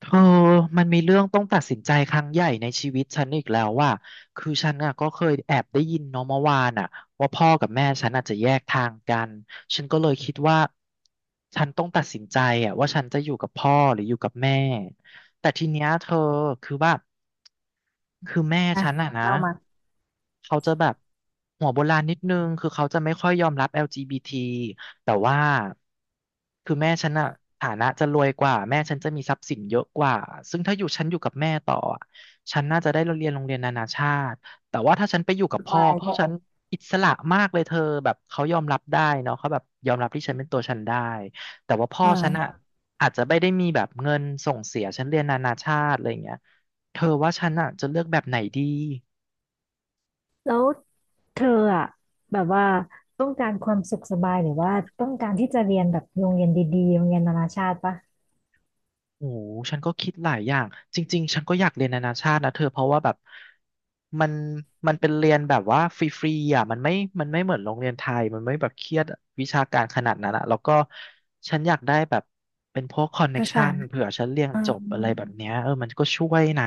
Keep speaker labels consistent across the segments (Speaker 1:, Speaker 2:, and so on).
Speaker 1: เธอมันมีเรื่องต้องตัดสินใจครั้งใหญ่ในชีวิตฉันอีกแล้วว่าคือฉันอ่ะก็เคยแอบได้ยินเนาะเมื่อวานอ่ะว่าพ่อกับแม่ฉันอาจจะแยกทางกันฉันก็เลยคิดว่าฉันต้องตัดสินใจอ่ะว่าฉันจะอยู่กับพ่อหรืออยู่กับแม่แต่ทีเนี้ยเธอคือว่าคือแม่
Speaker 2: อ่ะ
Speaker 1: ฉันอ่ะนะ
Speaker 2: เรามา
Speaker 1: เขาจะแบบหัวโบราณนิดนึงคือเขาจะไม่ค่อยยอมรับ LGBT แต่ว่าคือแม่ฉันอะฐานะจะรวยกว่าแม่ฉันจะมีทรัพย์สินเยอะกว่าซึ่งถ้าอยู่ฉันอยู่กับแม่ต่ออะฉันน่าจะได้เรียนโรงเรียนนานาชาติแต่ว่าถ้าฉันไปอยู่กั
Speaker 2: ส
Speaker 1: บพ่อ
Speaker 2: บาย
Speaker 1: พ่อ
Speaker 2: ก็
Speaker 1: ฉันอิสระมากเลยเธอแบบเขายอมรับได้เนาะเขาแบบยอมรับที่ฉันเป็นตัวฉันได้แต่ว่าพ่อ
Speaker 2: อื
Speaker 1: ฉันอะ
Speaker 2: ม
Speaker 1: อาจจะไม่ได้มีแบบเงินส่งเสียฉันเรียนนานาชาติอะไรอย่างเงี้ยเธอว่าฉันอะจะเลือกแบบไหนดี
Speaker 2: แล้วเธออะแบบว่าต้องการความสุขสบายหรือว่าต้องการที่จะเรียนแบบโรงเรียนดีๆโรงเรียนนานาชาติปะ
Speaker 1: โอ้โหฉันก็คิดหลายอย่าง จริงๆ ฉันก็อยากเรียนนานาชาตินะเธอเพราะว่าแบบมันมันเป็นเรียนแบบว่าฟรีๆอ่ะมันไม่เหมือนโรงเรียนไทย มันไม่แบบเครียดวิชาการขนาดนั้นอะแล้วก็ฉันอยากได้แบบเป็นพวกคอนเน็ก
Speaker 2: ภาษา
Speaker 1: ชันเผื่อฉันเรียน
Speaker 2: อ่า
Speaker 1: จบอะไรแบบเนี้ยเออมันก็ช่วยนะ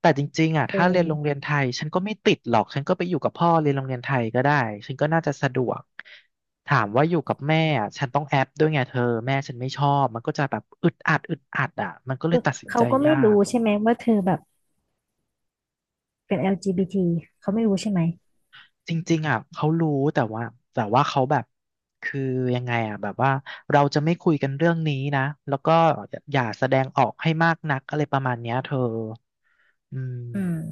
Speaker 1: แต่จริงๆอ่ะ
Speaker 2: เอ
Speaker 1: ถ้าเรียนโรงเรี
Speaker 2: อ
Speaker 1: ยนไทย ฉันก็ไม่ติดหรอก ฉันก็ไปอยู่กับพ่อเรียนโรงเรียนไทยก็ได้ ฉันก็น่าจะสะดวก ถามว่าอยู่กับแม่อ่ะฉันต้องแอปด้วยไงเธอ แม่ฉันไม่ชอบ มันก็จะแบบอึดอัดอึดอัดอ่ะมันก็เล
Speaker 2: คื
Speaker 1: ย
Speaker 2: อ
Speaker 1: ตัดสิน
Speaker 2: เขา
Speaker 1: ใจ
Speaker 2: ก็ไม่
Speaker 1: ยาก
Speaker 2: รู้ใช่ไหมว่าเธอแบบเป็น LGBT เขาไม่รู้ใช่ไหม
Speaker 1: จริงๆอ่ะเขารู้แต่ว่าเขาแบบคือยังไงอ่ะแบบว่าเราจะไม่คุยกันเรื่องนี้นะแล้วก็อย่าแสดงออกให้มากนักอะไรประมาณเนี้ยเธออื
Speaker 2: อืม
Speaker 1: ม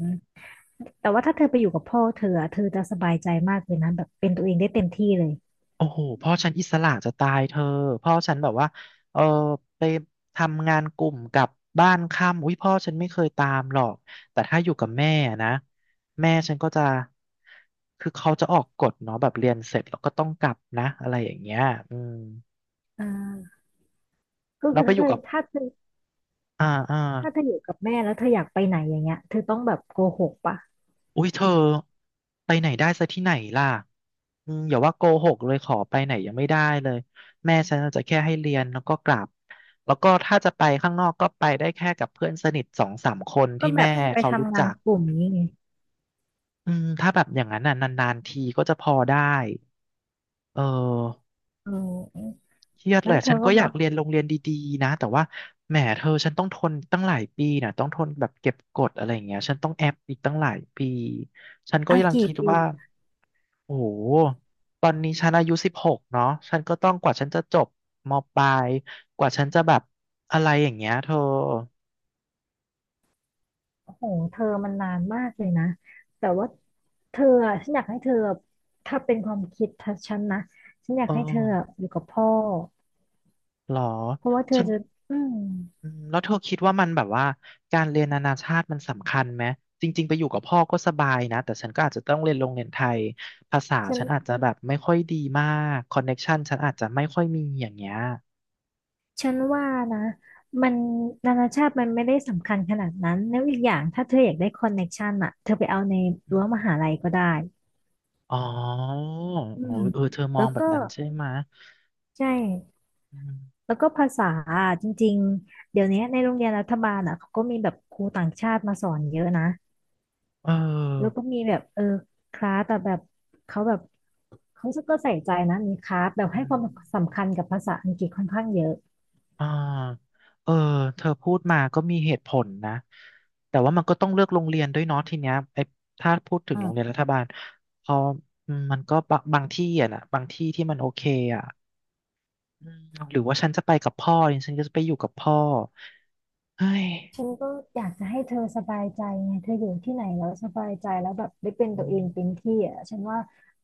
Speaker 2: แต่ว่าถ้าเธอไปอยู่กับพ่อเธออะเธอจะสบายใจมากเลยนะแบบเป็นตัวเองได้เต็มที่เลย
Speaker 1: โอ้โหพ่อฉันอิสระจะตายเธอพ่อฉันแบบว่าเออไปทำงานกลุ่มกลับบ้านค่ำอุ้ยพ่อฉันไม่เคยตามหรอกแต่ถ้าอยู่กับแม่นะแม่ฉันก็จะคือเขาจะออกกฎเนาะแบบเรียนเสร็จแล้วก็ต้องกลับนะอะไรอย่างเงี้ยอืม
Speaker 2: อ่าก็
Speaker 1: แล้
Speaker 2: คื
Speaker 1: ว
Speaker 2: อ
Speaker 1: ไปอยู่กับอ่าอ่า
Speaker 2: ถ้าเธออยู่กับแม่แล้วเธออยากไปไหนอย่างเงี้ยเธอต้องแบบโกหกปะ
Speaker 1: อุ้ยเธอไปไหนได้ซะที่ไหนล่ะอืมอย่าว่าโกหกเลยขอไปไหนยังไม่ได้เลยแม่ฉันจะแค่ให้เรียนแล้วก็กลับแล้วก็ถ้าจะไปข้างนอกก็ไปได้แค่กับเพื่อนสนิทสองสามคน
Speaker 2: ก็
Speaker 1: ที่
Speaker 2: แบ
Speaker 1: แม่
Speaker 2: บไป
Speaker 1: เขารู้
Speaker 2: ทำงา
Speaker 1: จั
Speaker 2: น
Speaker 1: ก
Speaker 2: กลุ่มนี้ไง
Speaker 1: อืมถ้าแบบอย่างนั้นน่ะนานๆทีก็จะพอได้เออ
Speaker 2: เออ
Speaker 1: เครียดเล
Speaker 2: นั้น
Speaker 1: ย
Speaker 2: เธ
Speaker 1: ฉั
Speaker 2: อ
Speaker 1: นก็
Speaker 2: ก็
Speaker 1: อ
Speaker 2: แบ
Speaker 1: ยาก
Speaker 2: บ
Speaker 1: เรียนโรงเรียนดีๆนะแต่ว่าแหมเธอฉันต้องทนตั้งหลายปีน่ะต้องทนแบบเก็บกดอะไรอย่างเงี้ยฉันต้องแอบอีกตั้งหลายปีฉันก็
Speaker 2: อ่ะ
Speaker 1: ยัง
Speaker 2: กี่
Speaker 1: คิด
Speaker 2: ปี
Speaker 1: ว่า โอ้โหตอนนี้ฉันอายุ16เนาะฉันก็ต้องกว่าฉันจะจบมปลายกว่าฉันจะแบบอะไรอย่างเงี้ยเธอ
Speaker 2: โอ้โหเธอมันนานมากเลยนะ แต่ว่าเธออะฉันอยากให้เธอถ้าเป็นความคิดทัฉันนะ ฉันอยาก
Speaker 1: เอ
Speaker 2: ให้เธออะ
Speaker 1: อ
Speaker 2: อยู่กับพ่อ
Speaker 1: เหรอ
Speaker 2: เพราะว่าเธอ
Speaker 1: ฉัน
Speaker 2: จะอืม
Speaker 1: อืมแล้วเธอคิดว่ามันแบบว่าการเรียนนานาชาติมันสำคัญไหมจริงๆไปอยู่กับพ่อก็สบายนะ แต่ฉันก็อาจจะต้องเรียนโรงเรียนไทยภาษา
Speaker 2: ฉัน
Speaker 1: ฉันอาจจะแบบไม่ค่อยดีมากคอนเน็กชันฉันอาจจะไม่ค่อยมีอย่างเงี้ย
Speaker 2: ฉันว่านะ มันนานาชาติมันไม่ได้สำคัญขนาดนั้นแล้วอีกอย่างถ้าเธออยากได้คอนเน็กชันอะเธอไปเอาใน
Speaker 1: อื
Speaker 2: รั้วม
Speaker 1: ม
Speaker 2: หาลัยก็ได้
Speaker 1: อ๋อ
Speaker 2: อื
Speaker 1: โอ้
Speaker 2: ม
Speaker 1: ยเออเธอม
Speaker 2: แล้
Speaker 1: อ
Speaker 2: ว
Speaker 1: งแบ
Speaker 2: ก็
Speaker 1: บนั้นใช่ไหมะ
Speaker 2: ใช่
Speaker 1: อืม
Speaker 2: แล้วก็ภาษาอะจริงๆ เดี๋ยวนี้ในโรงเรียนรัฐบาลอ่ะเขาก็มีแบบครูต่างชาติมาสอนเยอะนะ
Speaker 1: เอ
Speaker 2: แล้วก็
Speaker 1: อ
Speaker 2: มีแบบเออคลาสแต่แบบเขาแบบเขาก็ใส่ใจนะมีคลาสแบบ
Speaker 1: อื
Speaker 2: ให้ค
Speaker 1: ม
Speaker 2: วามสำคัญกับภาษาอังกฤษค่อนข้างเยอะ
Speaker 1: อ่าเออ เธอพูดมาก็มีเหตุผลนะ แต่ว่ามันก็ต้องเลือกโรงเรียนด้วยเนาะทีเนี้ยไอ้ถ้าพูดถึงโรงเรียน
Speaker 2: อ่า
Speaker 1: รัฐบาลพออืมมันก็บะบางที่อ่ะนะบางที่ที่มันโอเคอ่ะอืมหรือว่าฉันจะไปกับพ่อดิฉันก็จะไปอยู่กับพ่อเฮ้ย
Speaker 2: ฉันก็อยากจะให้เธอสบายใจไงเธออยู่ที่ไหนแล้วสบายใจแล้วแบบได้เป็น
Speaker 1: อื
Speaker 2: ตัวเองเป็น
Speaker 1: ม
Speaker 2: ที่อ่ะฉันว่า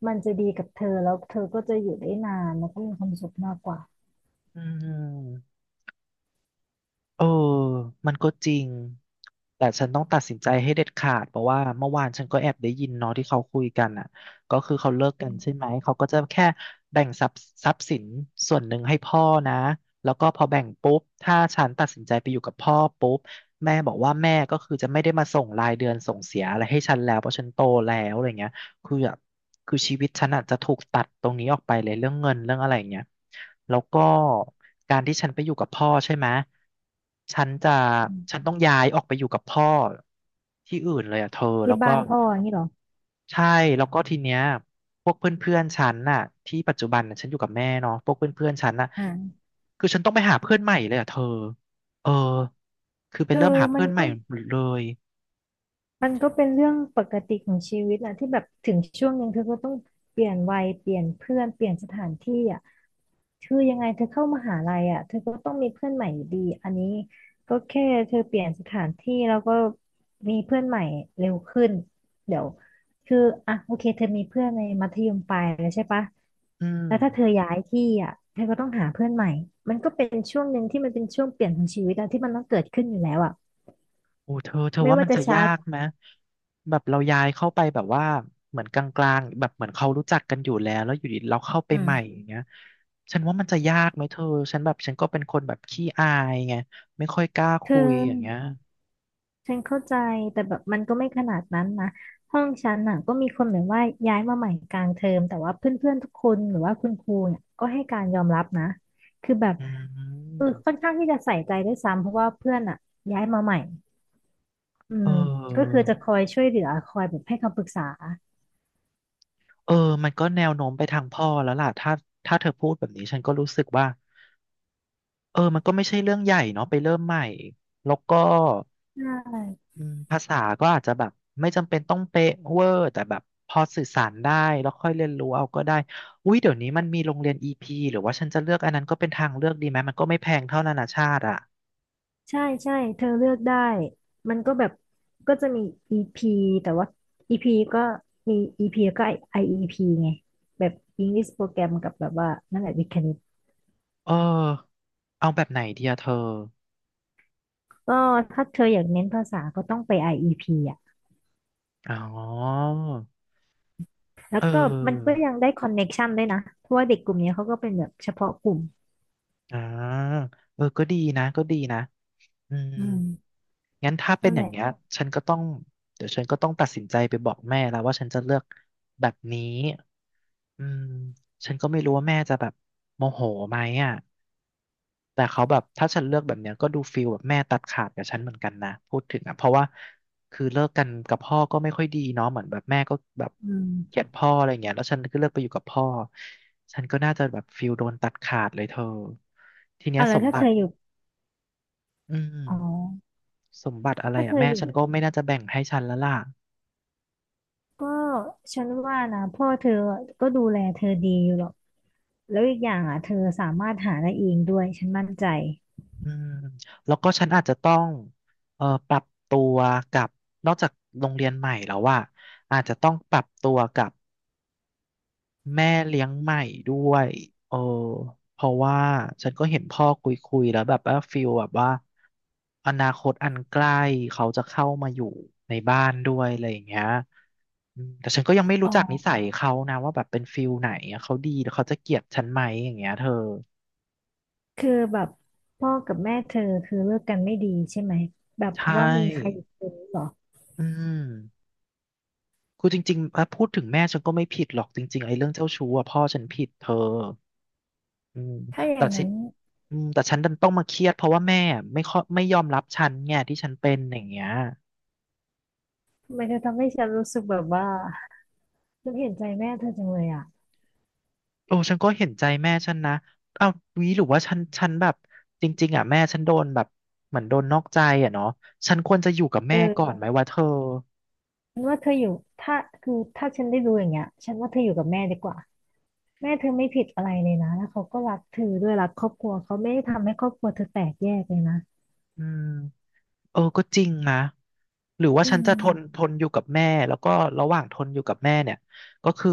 Speaker 2: มันจะดีกับเธอแล้วเธอก็จะอยู่ได้นานแล้วก็มีความสุขมากกว่า
Speaker 1: อืม เออมันก็จริง แต่ฉันต้องตัดสินใจให้เด็ดขาดเพราะว่าเมื่อวานฉันก็แอบได้ยินเนาะที่เขาคุยกันอ่ะก็คือเขาเลิกกันใช่ไหมเขาก็จะแค่แบ่งทรัพย์สินส่วนหนึ่งให้พ่อนะแล้วก็พอแบ่งปุ๊บถ้าฉันตัดสินใจไปอยู่กับพ่อปุ๊บแม่บอกว่าแม่ก็คือจะไม่ได้มาส่งรายเดือนส่งเสียอะไรให้ฉันแล้วเพราะฉันโตแล้วอะไรเงี้ย คือแบบคือชีวิตฉันอาจจะถูกตัดตรงนี้ออกไปเลยเรื่องเงินเรื่องอะไรอย่างเงี้ยแล้วก็การที่ฉันไปอยู่กับพ่อใช่ไหมฉันจะฉันต้องย้ายออกไปอยู่กับพ่อที่อื่นเลยอ่ะเธอ
Speaker 2: ที่
Speaker 1: แล้วก็
Speaker 2: บ้านพ่ออย่างนี้เหรอ
Speaker 1: ใช่แล้วก็ทีเนี้ยพวกเพื่อนๆฉันน่ะที่ปัจจุบันน่ะฉันอยู่กับแม่เนาะพวกเพื่อนๆฉันน่ะ
Speaker 2: อ่า
Speaker 1: คือฉันต้องไปหาเพื่อนใหม่เลยอ่ะเธอเออคือไป
Speaker 2: คื
Speaker 1: เริ่
Speaker 2: อ
Speaker 1: มหา
Speaker 2: มั
Speaker 1: เพื่
Speaker 2: น
Speaker 1: อนให
Speaker 2: ก็
Speaker 1: ม่หมดเลย
Speaker 2: มันก็เป็นเรื่องปกติของชีวิตอะที่แบบถึงช่วงหนึ่งเธอก็ต้องเปลี่ยนวัยเปลี่ยนเพื่อนเปลี่ยนสถานที่อะคือยังไงเธอเข้ามหาลัยอะเธอก็ต้องมีเพื่อนใหม่อยู่ดีอันนี้ก็แค่เธอเปลี่ยนสถานที่แล้วก็มีเพื่อนใหม่เร็วขึ้นเดี๋ยวคืออ่ะโอเคเธอมีเพื่อนในมัธยมปลายแล้วใช่ปะ
Speaker 1: อืม
Speaker 2: แล้วถ้าเธอย้ายที่อะเธอก็ต้องหาเพื่อนใหม่มันก็เป็นช่วงหนึ่งที่มันเป็นช่วงเปลี่ยนของชีวิตอะที่มันต้องเกิดขึ้นอยู่แล้วอะ
Speaker 1: โอ้เธอเธอ
Speaker 2: ไม่
Speaker 1: ว่า
Speaker 2: ว่า
Speaker 1: มัน
Speaker 2: จะ
Speaker 1: จะ
Speaker 2: ช้า
Speaker 1: ยากไหมแบบเราย้ายเข้าไปแบบว่าเหมือนกลางๆแบบเหมือนเขารู้จักกันอยู่แล้วแล้วอยู่ดีเราเข้าไป
Speaker 2: อื
Speaker 1: ใหม่อ
Speaker 2: ม
Speaker 1: ย่างเงี้ยฉันว่ามันจะยากไหมเธอฉันแบบฉันก็เป็นคนแบบขี้อายไงไม่ค่อยกล้า
Speaker 2: เธ
Speaker 1: คุยอย่างเงี้
Speaker 2: อ
Speaker 1: ย
Speaker 2: ฉันเข้าใจแต่แบบมันก็ไม่ขนาดนั้นนะห้องฉันน่ะก็มีคนเหมือนว่าย้ายมาใหม่กลางเทอมแต่ว่าเพื่อนๆทุกคนหรือว่าคุณครูเนี่ยก็ให้การยอมรับนะคือแบบ
Speaker 1: อื
Speaker 2: เออค่อน
Speaker 1: ม
Speaker 2: ข้างที่จะใส่ใจด้วยซ้ำเพราะว่าเพื่อนอ่ะย้ายมาใหม่อื
Speaker 1: เ
Speaker 2: มก็คื
Speaker 1: ออ
Speaker 2: อจะคอยช่วยเหลือคอยแบบให้คำปรึกษา
Speaker 1: เออมันก็แนวโน้มไปทางพ่อแล้วล่ะถ้าถ้าเธอพูดแบบนี้ฉันก็รู้สึกว่าเออมันก็ไม่ใช่เรื่องใหญ่เนาะไปเริ่มใหม่แล้วก็
Speaker 2: ใช่
Speaker 1: อืมภาษาก็อาจจะแบบไม่จำเป็นต้องเป๊ะเวอร์แต่แบบพอสื่อสารได้แล้วค่อยเรียนรู้เอาก็ได้อุ้ยเดี๋ยวนี้มันมีโรงเรียน EP หรือว่าฉันจะเลือกอันนั้นก็เป็นทางเลือกดีไหมมันก็ไม่แพงเท่านานาชาติอ่ะ
Speaker 2: ใช่ใช่เธอเลือกได้มันก็แบบก็จะมี EP แต่ว่า EP ก็มี EP แล้วก็ IEP ไงแบบ English Program กับแบบว่านั่นแหละวิทย์คณิต
Speaker 1: เออเอาแบบไหนดีอะเธอ
Speaker 2: ก็ถ้าเธออยากเน้นภาษาก็ต้องไป IEP ออีพีอ่ะ
Speaker 1: อ๋อ
Speaker 2: แล้
Speaker 1: เ
Speaker 2: วก็มันก็
Speaker 1: ออ
Speaker 2: ยังได้คอนเน็กชันด้วยนะ เพราะว่าเด็กกลุ่มเนี้ยเขาก็เป็นแบบเฉพาะกลุ่ม
Speaker 1: อ่าเออก็ดีนะก็ดีนะอืม
Speaker 2: อืม
Speaker 1: งั้นถ้าเป็
Speaker 2: นั่
Speaker 1: น
Speaker 2: น
Speaker 1: อ
Speaker 2: แห
Speaker 1: ย่า
Speaker 2: ละ
Speaker 1: งเงี้ยฉันก็ต้องเดี๋ยวฉันก็ต้องตัดสินใจไปบอกแม่แล้วว่าฉันจะเลือกแบบนี้อืมฉันก็ไม่รู้ว่าแม่จะแบบโมโหไหมอ่ะแต่เขาแบบถ้าฉันเลือกแบบเนี้ยก็ดูฟีลแบบแม่ตัดขาดกับฉันเหมือนกันนะพูดถึงอ่ะเพราะว่าคือเลิกกันกับพ่อก็ไม่ค่อยดีเนาะเหมือนแบบแม่ก็แบบ
Speaker 2: อื
Speaker 1: เกลียด
Speaker 2: ม
Speaker 1: พ่ออะไรเงี้ยแล้วฉันก็เลือกไปอยู่กับพ่อฉันก็น่าจะแบบฟีลโดนตัดขาดเลยเธอทีเนี้
Speaker 2: เอา
Speaker 1: ย
Speaker 2: แล้
Speaker 1: ส
Speaker 2: ว
Speaker 1: ม
Speaker 2: ถ้า
Speaker 1: บั
Speaker 2: เธอ
Speaker 1: ติ
Speaker 2: อยู่
Speaker 1: อื
Speaker 2: อ๋
Speaker 1: ม
Speaker 2: อ
Speaker 1: สมบัติอะไร
Speaker 2: ถ้าเธ
Speaker 1: อ่ะ
Speaker 2: อ
Speaker 1: แม่
Speaker 2: อยู่
Speaker 1: ฉันก็ไม่น่าจะแบ่งให้ฉันแล้วล่ะ
Speaker 2: ก็ฉันว่านะพ่อเธอก็ดูแลเธอดีอยู่หรอกแล้วอีกอย่างอ่ะเธอสามารถหาได้เองด้วยฉันมั่นใจ
Speaker 1: อืมแล้วก็ฉันอาจจะต้องปรับตัวกับนอกจากโรงเรียนใหม่แล้วว่าอาจจะต้องปรับตัวกับแม่เลี้ยงใหม่ด้วยเออเพราะว่าฉันก็เห็นพ่อคุยคุยแล้วแบบว่าฟิลแบบว่าอนาคตอันใกล้เขาจะเข้ามาอยู่ในบ้านด้วยอะไรอย่างเงี้ยอืมแต่ฉันก็ยังไม่
Speaker 2: อ๋
Speaker 1: รู้
Speaker 2: อ
Speaker 1: จักนิสัยเขานะว่าแบบเป็นฟิลไหนอะเขาดีหรือเขาจะเกลียดฉันไหมอย่างเงี้ยเธอ
Speaker 2: คือแบบพ่อกับแม่เธอคือเลิกกันไม่ดีใช่ไหมแบบ
Speaker 1: ใช
Speaker 2: เพราะว่ามีใคร
Speaker 1: ่
Speaker 2: อีกคนหรอ
Speaker 1: อืมคือจริงๆอ่ะพูดถึงแม่ฉันก็ไม่ผิดหรอกจริงๆไอ้เรื่องเจ้าชู้อะพ่อฉันผิดเธออืม
Speaker 2: ถ้าอ
Speaker 1: แต่
Speaker 2: ย่าง
Speaker 1: สิ
Speaker 2: นั้น
Speaker 1: อืมแต่ฉันดันต้องมาเครียดเพราะว่าแม่ไม่ค่อยไม่ยอมรับฉันไงที่ฉันเป็นอย่างเงี้ย
Speaker 2: มันจะทำให้ฉันรู้สึกแบบว่า ฉันเห็นใจแม่เธอจังเลยอ่ะ
Speaker 1: โอ้ฉันก็เห็นใจแม่ฉันนะเอ้าวีหรือว่าฉันฉันแบบจริงๆอ่ะแม่ฉันโดนแบบเหมือนโดนนอกใจอ่ะเนาะฉันควรจะอยู่กับ
Speaker 2: เอ
Speaker 1: แม่ก่อนไหม
Speaker 2: อ
Speaker 1: วะเธอ
Speaker 2: ฉันว่าเธออยู่ถ้าคือ ถ้าฉันได้รู้อย่างเงี้ยฉันว่าเธออยู่กับแม่ดีกว่า แม่เธอไม่ผิดอะไรเลยนะแล้วเขาก็รักเธอด้วยรักครอบครัวเขาไม่ได้ทำให้ครอบครัวเธอแตกแยกเลยนะ
Speaker 1: อืม เออก็จริงนะหรือว่า
Speaker 2: อื
Speaker 1: ฉันจะทนท
Speaker 2: ม
Speaker 1: นอยู่กับแม่แล้วก็ระหว่างทนอยู่กับแม่เนี่ยก็คือ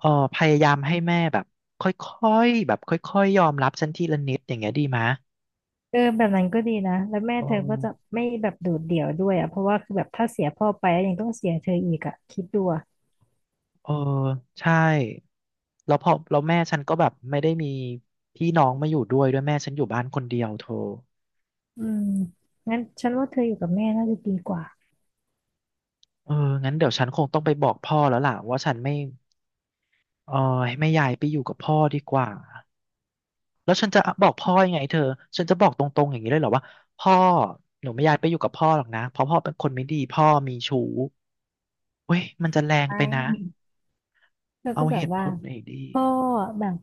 Speaker 1: เออพยายามให้แม่แบบค่อยๆแบบค่อยๆยอมรับฉันทีละนิดอย่างเงี้ยดีไหมะ
Speaker 2: เออแบบนั้นก็ดีนะแล้วแม่
Speaker 1: เออ
Speaker 2: เธอก็จะไม่แบบโดดเดี่ยวด้วยอ่ะเพราะว่าคือแบบถ้าเสียพ่อไปแล้วยังต้องเสียเธออีกอ่ะคิดดูอะ
Speaker 1: เออใช่แล้วพอแล้วแม่ฉันก็แบบไม่ได้มีพี่น้องมาอยู่ด้วยด้วยแม่ฉันอยู่บ้านคนเดียวเธอ
Speaker 2: อืมงั้นฉันว่าเธออยู่กับแม่น่าจะดีกว่า
Speaker 1: เอองั้นเดี๋ยวฉันคงต้องไปบอกพ่อแล้วล่ะว่าฉันไม่เออให้ไม่ย้ายไปอยู่กับพ่อดีกว่า แล้วฉันจะบอกพ่อยังไงเธอ ฉันจะบอกตรงๆอย่างนี้เลยเหรอว่าพ่อหนูไม่อยากไปอยู่กับพ่อหรอกนะเพราะพ่อเป็นคนไม่ดีพ่อมีชู้เว้ยมันจะแรง
Speaker 2: ไห
Speaker 1: ไปนะ
Speaker 2: มเธอก็
Speaker 1: เอา
Speaker 2: แบ
Speaker 1: เห
Speaker 2: บ
Speaker 1: ตุผ
Speaker 2: ว่า
Speaker 1: ลหน่อยดี
Speaker 2: ก็แบบ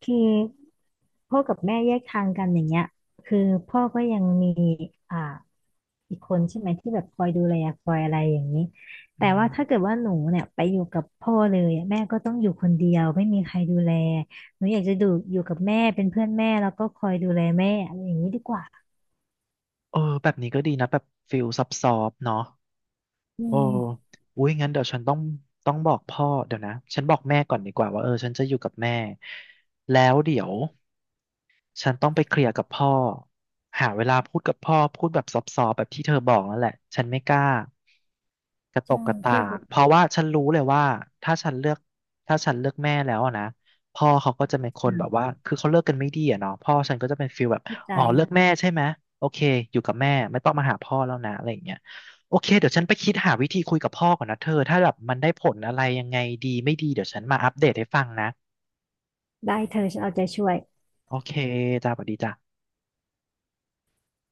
Speaker 2: คือพ่อกับแม่แยกทางกันอย่างเงี้ยคือพ่อก็ยังมีอ่าอีกคนใช่ไหมที่แบบคอยดูแลคอยอะไรอย่างนี้แต่
Speaker 1: อื
Speaker 2: ว่าถ้าเกิด
Speaker 1: ม
Speaker 2: ว่าหนูเนี่ยไปอยู่กับพ่อเลยอะแม่ก็ต้องอยู่คนเดียวไม่มีใครดูแลหนูอยากจะดูอยู่กับแม่เป็นเพื่อนแม่แล้วก็คอยดูแลแม่อะไรอย่างนี้ดีกว่า
Speaker 1: เออแบบนี้ก็ดีนะแบบฟิลซับซอบเนาะ
Speaker 2: อื
Speaker 1: โอ้
Speaker 2: ม
Speaker 1: อุ้ยงั้นเดี๋ยวฉันต้องต้องบอกพ่อเดี๋ยวนะฉันบอกแม่ก่อนดีกว่าว่าเออฉันจะอยู่กับแม่แล้วเดี๋ยว ฉันต้องไปเคลียร์กับพ่อหาเวลาพูดกับพ่อพูดแบบซอฟๆแบบที่เธอบอกนั่นแหละฉันไม่กล้า กระต
Speaker 2: ใช่
Speaker 1: กกระ
Speaker 2: เธ
Speaker 1: ตา
Speaker 2: อแบ
Speaker 1: ก
Speaker 2: บ
Speaker 1: เพราะว่าฉันรู้เลยว่าถ้าฉันเลือกถ้าฉันเลือกแม่แล้วอะนะพ่อเขาก็จะเป็นคน
Speaker 2: อ่
Speaker 1: แบบว่า
Speaker 2: า
Speaker 1: คือเขาเลิกกันไม่ดีอะเนาะพ่อฉันก็จะเป็นฟีลแบบ
Speaker 2: เข้าใจ
Speaker 1: อ๋อเลือกแม่ใช่ไหมโอเคอยู่กับแม่ไม่ต้องมาหาพ่อแล้วนะอะไรอย่างเงี้ยโอเคเดี๋ยวฉันไปคิดหาวิธีคุยกับพ่อก่อนนะเธอถ้าแบบมันได้ผลอะไรยังไงดีไม่ดีเดี๋ยวฉันมาอัปเดตให้ฟังนะ
Speaker 2: ได้เธอฉันเอาใจช่วย
Speaker 1: โอเคจ้าสวัสดีจ้า